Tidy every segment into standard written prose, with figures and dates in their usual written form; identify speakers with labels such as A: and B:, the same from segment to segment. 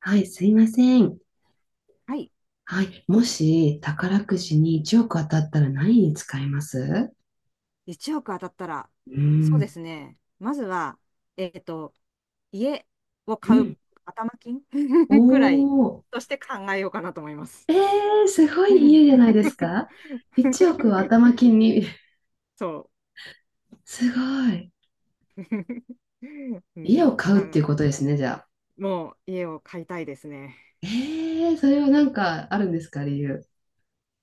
A: はい、すいません。
B: はい。
A: はい、もし宝くじに1億当たったら何に使います？
B: 1億当たったら、
A: う
B: そうで
A: ん。
B: すね。まずは、えっと、家を
A: う
B: 買う
A: ん。
B: 頭金
A: お
B: くらいと
A: ー。
B: して考えようかなと思います。
A: えー、すごい家じゃないですか？ 1 億を 頭金に。
B: そ
A: すごい。
B: う。う
A: 家を
B: ん、
A: 買
B: な
A: うっていうこ
B: ん
A: とですね、じゃあ。
B: もう家を買いたいですね。
A: えー、それはなんかあるんですか、理由。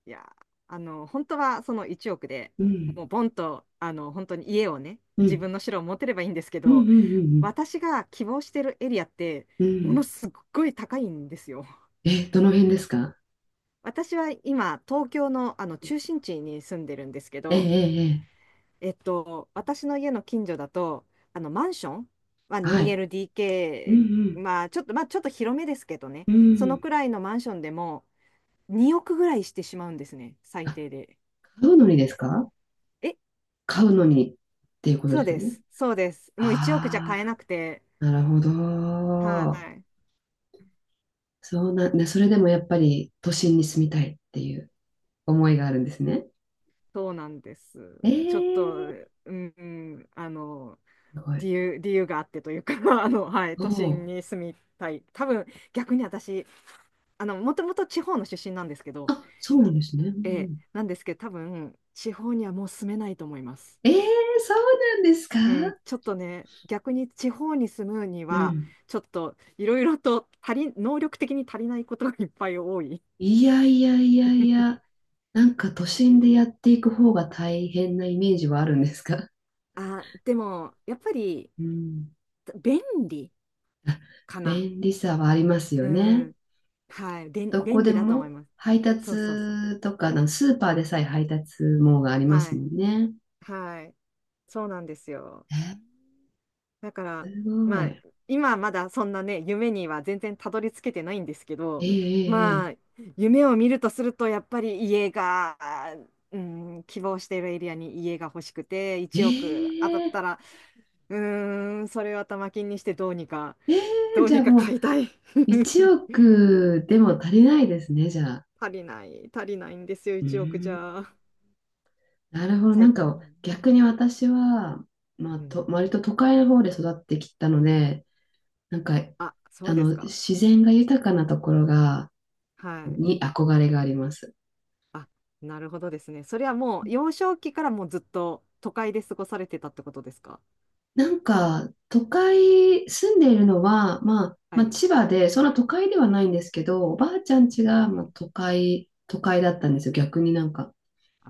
B: いや、本当はその1億で
A: うん。
B: もうボンと、本当に家をね、
A: う
B: 自
A: ん。
B: 分の城を持てればいいんですけ
A: うんう
B: ど、
A: んうん
B: 私が希望してるエリアって、
A: うん。う
B: もの
A: ん。
B: すっごい高いんですよ。
A: え、どの辺ですか？
B: 私は今、東京の、あの
A: え
B: 中心地に住んでるんですけ
A: ええ
B: ど、
A: えええ。
B: 私の家の近所だと、あのマンションは
A: はい。う
B: 2LDK、
A: ん
B: まあちょっと広めですけどね、
A: うん。う
B: その
A: ん。
B: くらいのマンションでも2億ぐらいしてしまうんですね、
A: あ、
B: 最低で。
A: 買うのにですか？
B: え、
A: 買うのにっていうこと
B: そう
A: ですよ
B: で
A: ね。
B: す、そうです。もう1億じゃ
A: あ
B: 買えなくて、
A: あ、なるほ
B: は
A: ど。
B: い、
A: そうなんで、それでもやっぱり都心に住みたいっていう思いがあるんですね。
B: そうなんです。ちょっと、
A: ええ。
B: うん、
A: すごい。
B: 理由があってというか はい、
A: お
B: 都心
A: ー。
B: に住みたい。多分、逆に私、もともと地方の出身なんですけど、
A: あ、そうなんですね。うんう
B: ええ、
A: ん。
B: なんですけど、多分、地方にはもう住めないと思います。
A: ええ。そうなんですか？
B: うん、ちょっとね、逆に地方に住むに
A: う
B: は、
A: ん。
B: ちょっといろいろと能力的に足りないことがいっぱい多い。
A: いやいやいやいや、なんか都心でやっていく方が大変なイメージはあるんですか？
B: あ、でも、やっぱり、
A: うん。
B: 便利かな。
A: 便利さはあります
B: う
A: よね。
B: ん、はい、便
A: どこ
B: 便
A: で
B: 利だと思い
A: も
B: ます。
A: 配
B: そうそうそう。
A: 達とか、あのスーパーでさえ配達網がありま
B: は
A: すも
B: い。
A: んね。
B: はい。そうなんですよ。
A: え、
B: だから、
A: すご
B: まあ、
A: い。
B: 今まだそんなね、夢には全然たどり着けてないんですけ
A: え
B: ど、
A: え
B: まあ、
A: え
B: 夢を見るとすると、やっぱり家が、うん、希望しているエリアに家が欲しくて、1億
A: え
B: 当たっ
A: えええ
B: たら、うーん、それを頭金にしてどうにか、ど
A: え。
B: う
A: じゃ
B: に
A: あ
B: か
A: もう
B: 買いたい。
A: 1 億でも足りないですね、じゃあ。
B: 足りない、足りないんですよ、
A: うー
B: 1億じ
A: ん、
B: ゃ。
A: なるほど。な
B: 最
A: んか
B: 近、
A: 逆に私は、まあ、
B: うん、
A: と割と都会の方で育ってきたので、なんか
B: あ、そ
A: あ
B: うです
A: の
B: か。
A: 自然が豊かなところが
B: はい。
A: に憧れがあります。
B: あなるほどですね。それはもう幼少期からもうずっと都会で過ごされてたってことですか？
A: なんか、都会、住んでいるのは、まあ、
B: は
A: まあ、
B: い。い
A: 千葉で、そんな都会ではないんですけど、おばあちゃん家
B: え
A: が、
B: い
A: まあ、
B: え。
A: 都会、都会だったんですよ、逆になんか。
B: あ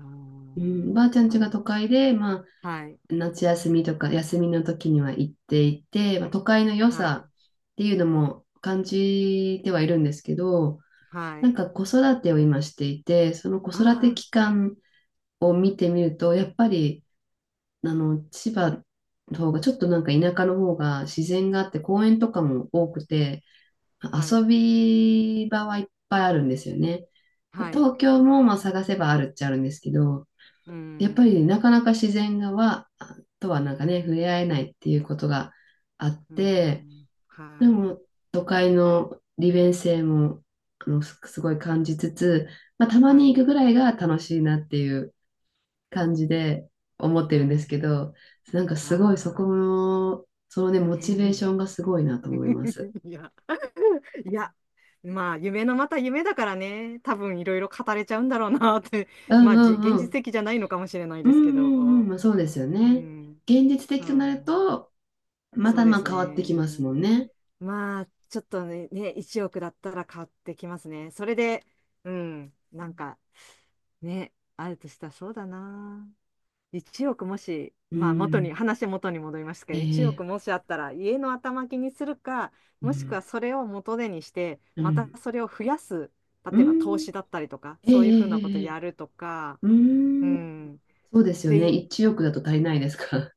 A: うん、
B: ー
A: おばあちゃん家が
B: は
A: 都会で、まあ、
B: い。
A: 夏休みとか、休みの時には行っていて、まあ、都会の良
B: はい。
A: さっていうのも感じてはいるんですけど、
B: はい。
A: な
B: は
A: ん
B: い。
A: か子育てを今していて、その子育て
B: あ
A: 期間を見てみると、やっぱり、あの、千葉の方が、ちょっとなんか田舎の方が自然があって、公園とかも多くて、
B: あ、はい。
A: 遊び場はいっぱいあるんですよね。
B: はい。
A: 東京もまあ探せばあるっちゃあるんですけど、
B: うー
A: やっぱ
B: ん。
A: りなかなか自然がは、とはなんかね、触れ合えないっていうことがあっ
B: うー
A: て、
B: ん。
A: で
B: はい。
A: も都会の利便性もあのすすごい感じつつ、まあ、たま
B: は
A: に
B: い。
A: 行くぐらいが楽しいなっていう感じで思っ
B: う
A: てるんです
B: ん。
A: けど、なんか
B: あ
A: すごいそこ
B: あ。
A: の、そのね、モ
B: う
A: チベーショ
B: ん
A: ンがすごいなと思います。
B: いや。いや。まあ、夢のまた夢だからね、多分いろいろ語れちゃうんだろうなって、
A: う
B: ま
A: ん
B: あ、
A: うん
B: 現
A: う
B: 実
A: ん。
B: 的じゃないのかもしれない
A: う
B: で
A: ん
B: すけ
A: うんうん。
B: ど。
A: まあそうですよ
B: う
A: ね。
B: ん、
A: 現実
B: う
A: 的となる
B: ん、
A: と、ま
B: そ
A: た
B: うで
A: まあ
B: す
A: 変わってきますも
B: ね。
A: んね。
B: まあ、ちょっとね、ね、1億だったら買ってきますね。それで、うん、なんか、ね、あるとしたらそうだな。1億もし、
A: う
B: まあ、
A: ん。
B: 話元に戻りますけど、1
A: え
B: 億
A: え。
B: もしあったら、家の頭金にするか、
A: う
B: もしくは
A: ん。
B: それを元手にして、
A: う
B: また
A: ん。
B: それを増やす、例
A: う
B: えば投
A: ん。
B: 資だったりとか、
A: ええ
B: そういう
A: え
B: ふうなこと
A: えええ。
B: やるとか、
A: う
B: う
A: ん。
B: ん。
A: そうですよね。
B: で
A: 1億だと足りないですか？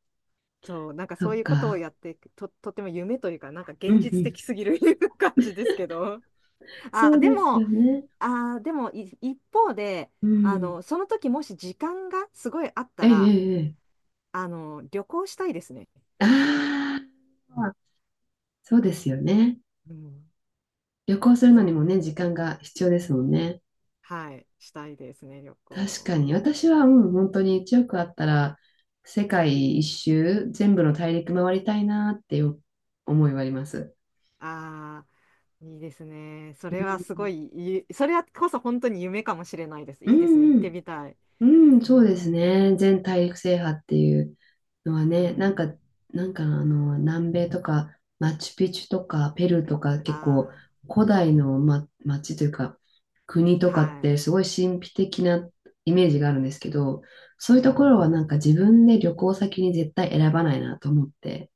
B: そう、なんか
A: そ
B: そう
A: っ
B: いうことを
A: か。
B: やって、とても夢というか、なんか
A: うん
B: 現
A: う
B: 実
A: ん。
B: 的すぎる 感じですけど。
A: そ
B: あ、
A: う
B: で
A: です
B: も、
A: よね。
B: あ、でもい一方で、
A: うん。
B: その時もし時間がすごいあった
A: えええ
B: ら、
A: えええ。
B: 旅行したいですね。
A: ああ。そうですよね。
B: うん、
A: 旅行するの
B: そ
A: に
B: う。
A: もね、時間が必要ですもんね。
B: はい、したいですね、旅
A: 確かに。
B: 行。
A: 私は、うん、本当に1億あったら、世界一周、全部の大陸回りたいなっていう思いはあります。
B: ああいいですね。そ
A: う
B: れはす
A: ん、
B: ごい、それはこそ本当に夢かもしれないです。
A: う
B: いいですね、
A: ん、
B: 行ってみたい。
A: うん。うん、
B: う
A: そうです
B: ん、
A: ね。全大陸制覇っていうのは
B: う
A: ね、なんか、
B: ん、
A: なんかあの、南米とか、マチュピチュとか、ペルーとか、結構、
B: あ
A: 古代の、ま、町というか、国と
B: あ
A: かっ
B: はい、
A: て、すごい神秘的なイメージがあるんですけど、そ
B: う
A: ういうところ
B: ん。
A: はなんか自分で旅行先に絶対選ばないなと思って、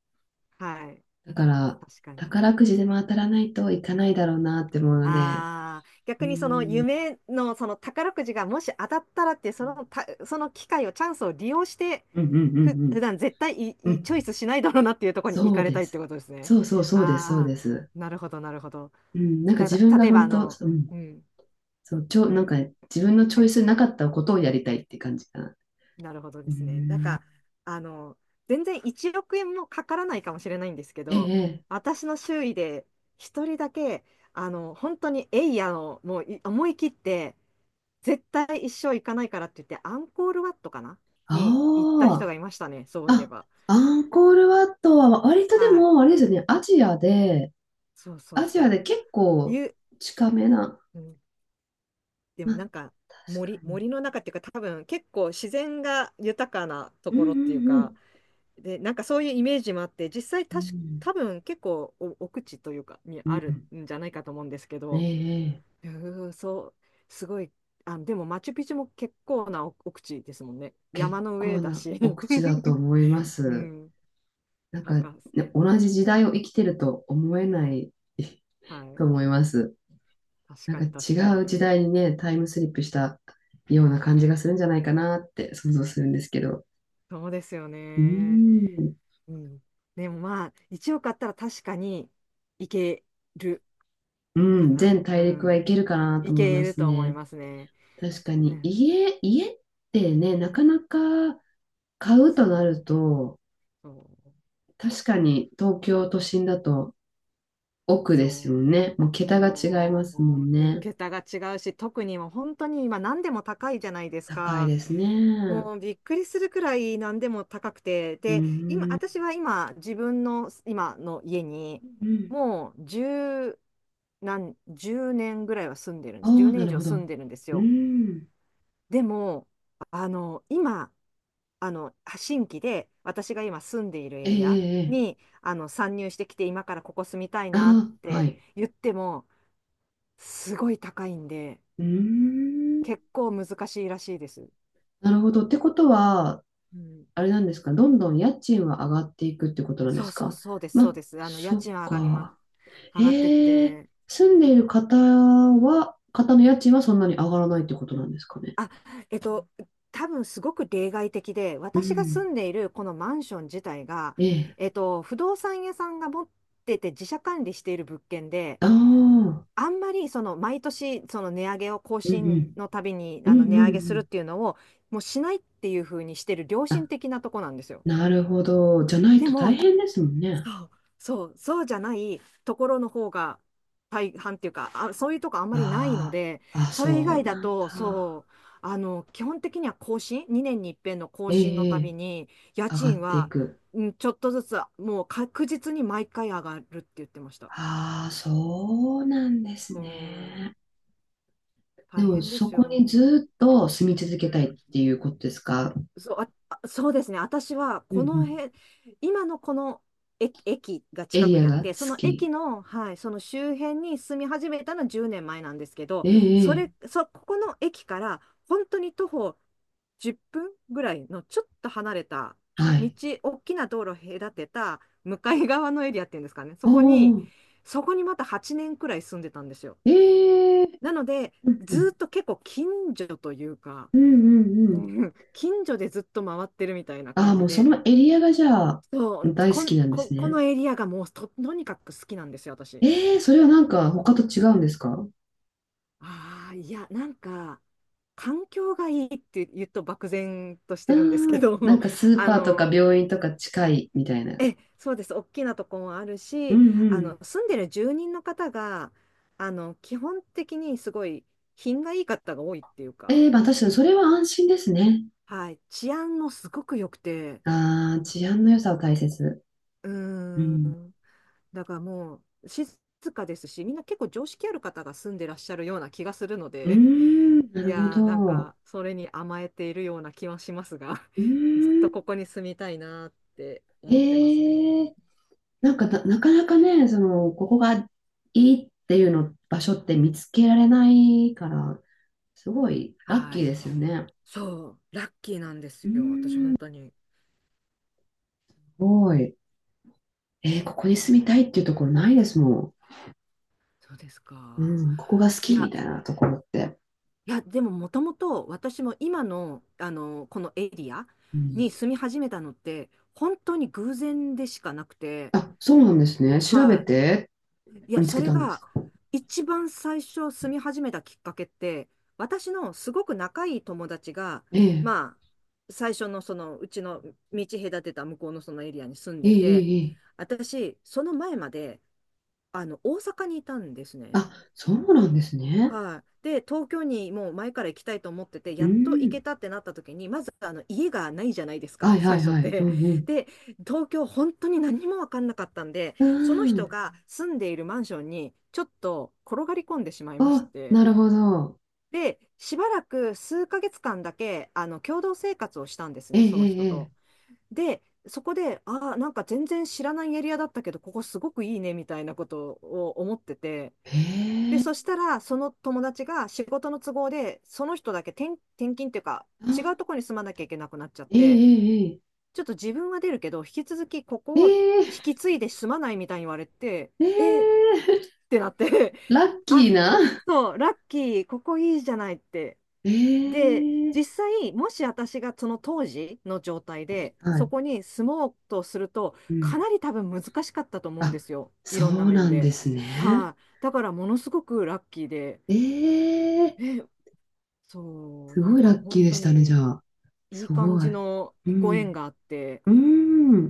B: はい。
A: だから、
B: 確かに。
A: 宝くじでも当たらないといかないだろうなって思うので、
B: ああ、
A: う
B: 逆にその
A: ん、
B: 夢のその宝くじがもし当たったらって、そのた、その機会を、チャンスを利用して、
A: うんうんう
B: 普
A: ん
B: 段絶対い
A: うん。う
B: いチ
A: ん。
B: ョイスしないだろうなっていうところに行
A: そう
B: かれ
A: で
B: たいって
A: す。
B: ことですね。
A: そうそうそうです、そう
B: あ
A: で
B: あ、
A: す。
B: なるほど、なるほど。
A: うん、なんか
B: た
A: 自
B: だ、
A: 分が
B: 例えば、
A: 本当、うん、
B: うん、
A: そう、
B: う
A: なんか
B: ん、
A: 自分のチ
B: は
A: ョイ
B: い、
A: スなかったことをやりたいって感じかな。
B: なるほどで
A: う
B: すね。なん
A: ん、
B: か、あの、全然1億円もかからないかもしれないんですけ
A: え
B: ど、
A: え、
B: 私の周囲で一人だけ、本当にエイヤの、もう思い切って、絶対一生行かないからって言って、アンコールワットかなに行った人
A: あ
B: がいましたね、そ
A: あ、
B: ういえ
A: あ、
B: ば。
A: アンコールワットは割とで
B: はい。
A: も、あれですよね、アジアで、
B: そうそう
A: アジ
B: そ
A: ア
B: う。
A: で結構
B: ゆ、
A: 近めな、
B: うん、で
A: ま
B: も
A: あ、
B: なんか
A: 確か
B: 森、
A: に。
B: 森の中っていうか、多分結構自然が豊かなと
A: うん
B: ころってい
A: う
B: う
A: んう
B: か、
A: ん。
B: で、なんかそういうイメージもあって、実際
A: う
B: たし、多
A: ん、
B: 分結構奥地というかに
A: う
B: ある
A: ん、
B: んじゃないかと思うんですけど、
A: ええ。
B: うーそう、すごい、あ、でもマチュピチュも結構な奥地ですもんね。
A: 結
B: 山の上
A: 構
B: だ
A: な
B: し。
A: お口だと思いま
B: う
A: す。
B: ん。
A: なん
B: な
A: か、
B: ん
A: ね、
B: か
A: 同じ時代を生きてると思えない
B: は
A: と
B: い。
A: 思います。
B: 確
A: なん
B: か
A: か
B: に確か
A: 違う
B: に。
A: 時代にね、タイムスリップしたような感じがするんじゃないかなって想像するんですけど。
B: そうですよ
A: う
B: ね。
A: ーん。
B: うん。でもまあ、1億あったら確かにいける
A: う
B: か
A: ん、
B: な。
A: 全
B: う
A: 大陸はい
B: ん。
A: けるかなと
B: い
A: 思い
B: け
A: ま
B: る
A: す
B: と思い
A: ね。
B: ますね。
A: 確かに
B: ね。
A: 家ってね、なかなか買うと
B: そう、
A: なると、
B: そう、
A: 確かに東京都心だと奥ですよ
B: そ
A: ね。もう
B: う。
A: 桁が違いま
B: も
A: すもん
B: う、
A: ね。
B: 桁が違うし、特にもう本当に今何でも高いじゃないです
A: 高い
B: か。
A: ですね。
B: もうびっくりするくらい何でも高くて。
A: う
B: で、今、
A: ーん。
B: 私は今、自分の今の家に、
A: うん。
B: もう10、なん10年ぐらいは住んでるんで
A: あ
B: す。10
A: あ、な
B: 年以
A: る
B: 上
A: ほど。
B: 住んでるんです
A: うー
B: よ。
A: ん。
B: でも、今、新規で私が今住んでいるエ
A: ええ、
B: リア
A: ええ、
B: に、参入してきて、今からここ住みたい
A: あ
B: なっ
A: あー、は
B: て
A: い。
B: 言っても、すごい高いんで、
A: うーん。
B: 結構難しいらしいです。
A: なるほど。ってことは、
B: うん。
A: あれなんですか、どんどん家賃は上がっていくってことなんで
B: そう
A: す
B: そう
A: か？
B: そうです、そう
A: ま、
B: です。家
A: そっ
B: 賃は上がります。
A: か。
B: 上がってっ
A: ええ、
B: て、
A: 住んでいる方の家賃はそんなに上がらないってことなんですかね。
B: あ、えっと、多分すごく例外的で、
A: う
B: 私が
A: ん。
B: 住んでいるこのマンション自体が、
A: ええ。
B: 不動産屋さんが持ってて自社管理している物件で、
A: ああ、うん
B: あんまりその毎年その値上げを更
A: うん。
B: 新のたびに
A: うんうん
B: 値上
A: う
B: げするっ
A: ん。
B: ていうのをもうしないっていうふうにしてる良心
A: あ、
B: 的なとこなんですよ。
A: なるほど。じゃない
B: で
A: と大
B: も
A: 変ですもんね。
B: そう、そう、そうじゃないところの方が大半っていうか、あ、そういうとこあんまりないの
A: あ
B: で、
A: あ、あ、
B: それ以
A: そ
B: 外
A: う
B: だ
A: なん
B: と、
A: だ。
B: そう、基本的には2年に一遍の更
A: え
B: 新の
A: え、
B: たび
A: え、
B: に、家
A: 上が
B: 賃
A: ってい
B: は、
A: く。
B: うん、ちょっとずつ、もう確実に毎回上がるって言ってました。
A: ああ、そうなんです
B: そ
A: ね。
B: う、
A: で
B: 大
A: も、
B: 変で
A: そ
B: す
A: こに
B: よ。
A: ずっと住み続けたいっていうことですか？
B: そう、あそうですね。私は、
A: うんう
B: この
A: ん。
B: 辺、今のこの駅が
A: エ
B: 近
A: リ
B: く
A: ア
B: にあっ
A: が好
B: て、その
A: き。
B: 駅の、はい、その周辺に住み始めたのは10年前なんですけど、
A: え
B: そ
A: え、ええ、
B: れ、そ、ここの駅から、本当に徒歩10分ぐらいのちょっと離れた、
A: は
B: 道、
A: い。
B: 大きな道路を隔てた、向かい側のエリアっていうんですかね。
A: お
B: そこに、
A: ーおー、
B: そこにまた8年くらい住んでたんですよ。
A: ええ、
B: なので、
A: うんう
B: ずー
A: ん、
B: っと結構近所というか、
A: うんうんう
B: う
A: ん。
B: ん 近所でずっと回ってるみたいな
A: ああ、
B: 感
A: も
B: じ
A: うそ
B: で、
A: のエリアがじゃあ、
B: そう、
A: 大好
B: こん、
A: きなんで
B: こ、
A: す
B: こ
A: ね。
B: のエリアがもうとにかく好きなんですよ、私。
A: ええ、それはなんか他と違うんですか？
B: ああ、いや、なんか、環境がいいって言うと漠然とし
A: あ
B: て
A: あ
B: るんですけ
A: ー、
B: ど、
A: なん かスー
B: あ
A: パーとか
B: の、
A: 病院とか近いみたいな。
B: そうです、大きなとこもある
A: う
B: し、
A: んうん。
B: 住んでる住人の方が、基本的にすごい品がいい方が多いっていう
A: え
B: か、
A: え、まあ確かにそれは安心ですね。
B: はい、治安もすごく良くて、
A: ああ、治安の良さを大切。
B: う
A: う
B: ーん
A: ん。
B: だからもう静かですし、みんな結構常識ある方が住んでらっしゃるような気がするの
A: うー
B: で、
A: ん、な
B: い
A: るほ
B: やーなん
A: ど。
B: かそれに甘えているような気はしますが、
A: う
B: ずっ
A: ー
B: とこ
A: ん。
B: こに住みたいなーって思ってます
A: え
B: ね。
A: え。なんかな、なかなかね、その、ここがいいっていうの場所って見つけられないから、すごいラッ
B: は
A: キー
B: い。
A: ですよね。
B: そう、ラッキーなんです
A: うん、
B: よ、
A: す
B: 私、本当に。
A: ごい。えー、ここに
B: う
A: 住み
B: ん
A: たいっていうところないですも
B: そうです
A: ん。
B: か。
A: うん、ここが好
B: い
A: きみ
B: や、
A: たいなところって。
B: いや、でももともと私も今の、このエリア
A: うん、
B: に住み始めたのって、本当に偶然でしかなくて、
A: あ、そうなんですね。調べ
B: はい。
A: て
B: いや、
A: 見つ
B: そ
A: け
B: れ
A: たんです
B: が
A: か。
B: 一番最初住み始めたきっかけって、私のすごく仲いい友達が、
A: ええ
B: まあ、最初のそのうちの道隔てた向こうのそのエリアに住ん
A: ええ
B: で
A: え
B: て、
A: えええ。
B: 私、その前まで、大阪にいたんですね。
A: あ、そうなんですね。
B: はい。で、東京にもう前から行きたいと思ってて、
A: う
B: やっと行
A: ん。
B: けたってなった時に、まずあの家がないじゃないです
A: は
B: か、
A: いは
B: 最
A: い
B: 初っ
A: はい。う
B: て。
A: ん
B: で、東京本当に何も分かんなかったんで、
A: う
B: その
A: ん。う
B: 人
A: ん。
B: が住んでいるマンションにちょっと転がり込んでしまいまし
A: あ、
B: て。
A: なるほど。
B: で、しばらく数ヶ月間だけ、共同生活をしたんですね、その人
A: え
B: と。
A: え
B: で、そこで、ああ、なんか全然知らないエリアだったけど、ここすごくいいね、みたいなことを思ってて、
A: え
B: で、
A: え。え
B: そし
A: え。
B: たら、その友達が仕事の都合で、その人だけ転勤っていうか、
A: ええ、
B: 違
A: あ、
B: うところに住まなきゃいけなくなっちゃっ
A: え
B: て、
A: え
B: ちょっと自分は出るけど、引き続きこ
A: え
B: こ
A: え。
B: を
A: え
B: 引き
A: え。
B: 継いで住まないみたいに言われて、
A: ええ
B: えっ
A: ええ、
B: てなって
A: ラッ キ
B: あ、
A: ーな。
B: そう、ラッキー、ここいいじゃないって。
A: え
B: で、実
A: え。
B: 際、もし私がその当時の状態で、
A: は
B: そ
A: い。
B: こに住もうとすると、
A: う
B: か
A: ん。
B: なり多分難しかったと思うんで
A: あ、
B: すよ。い
A: そ
B: ろんな
A: う
B: 面
A: なんで
B: で。
A: すね。
B: はい、だから、ものすごくラッキーで。
A: ええ。
B: え、そう、
A: す
B: なん
A: ごいラ
B: か
A: ッキー
B: 本
A: で
B: 当
A: したね、じゃ
B: に
A: あ。
B: いい
A: す
B: 感
A: ごい。
B: じの
A: う
B: ご縁
A: ん。
B: があって、
A: うん。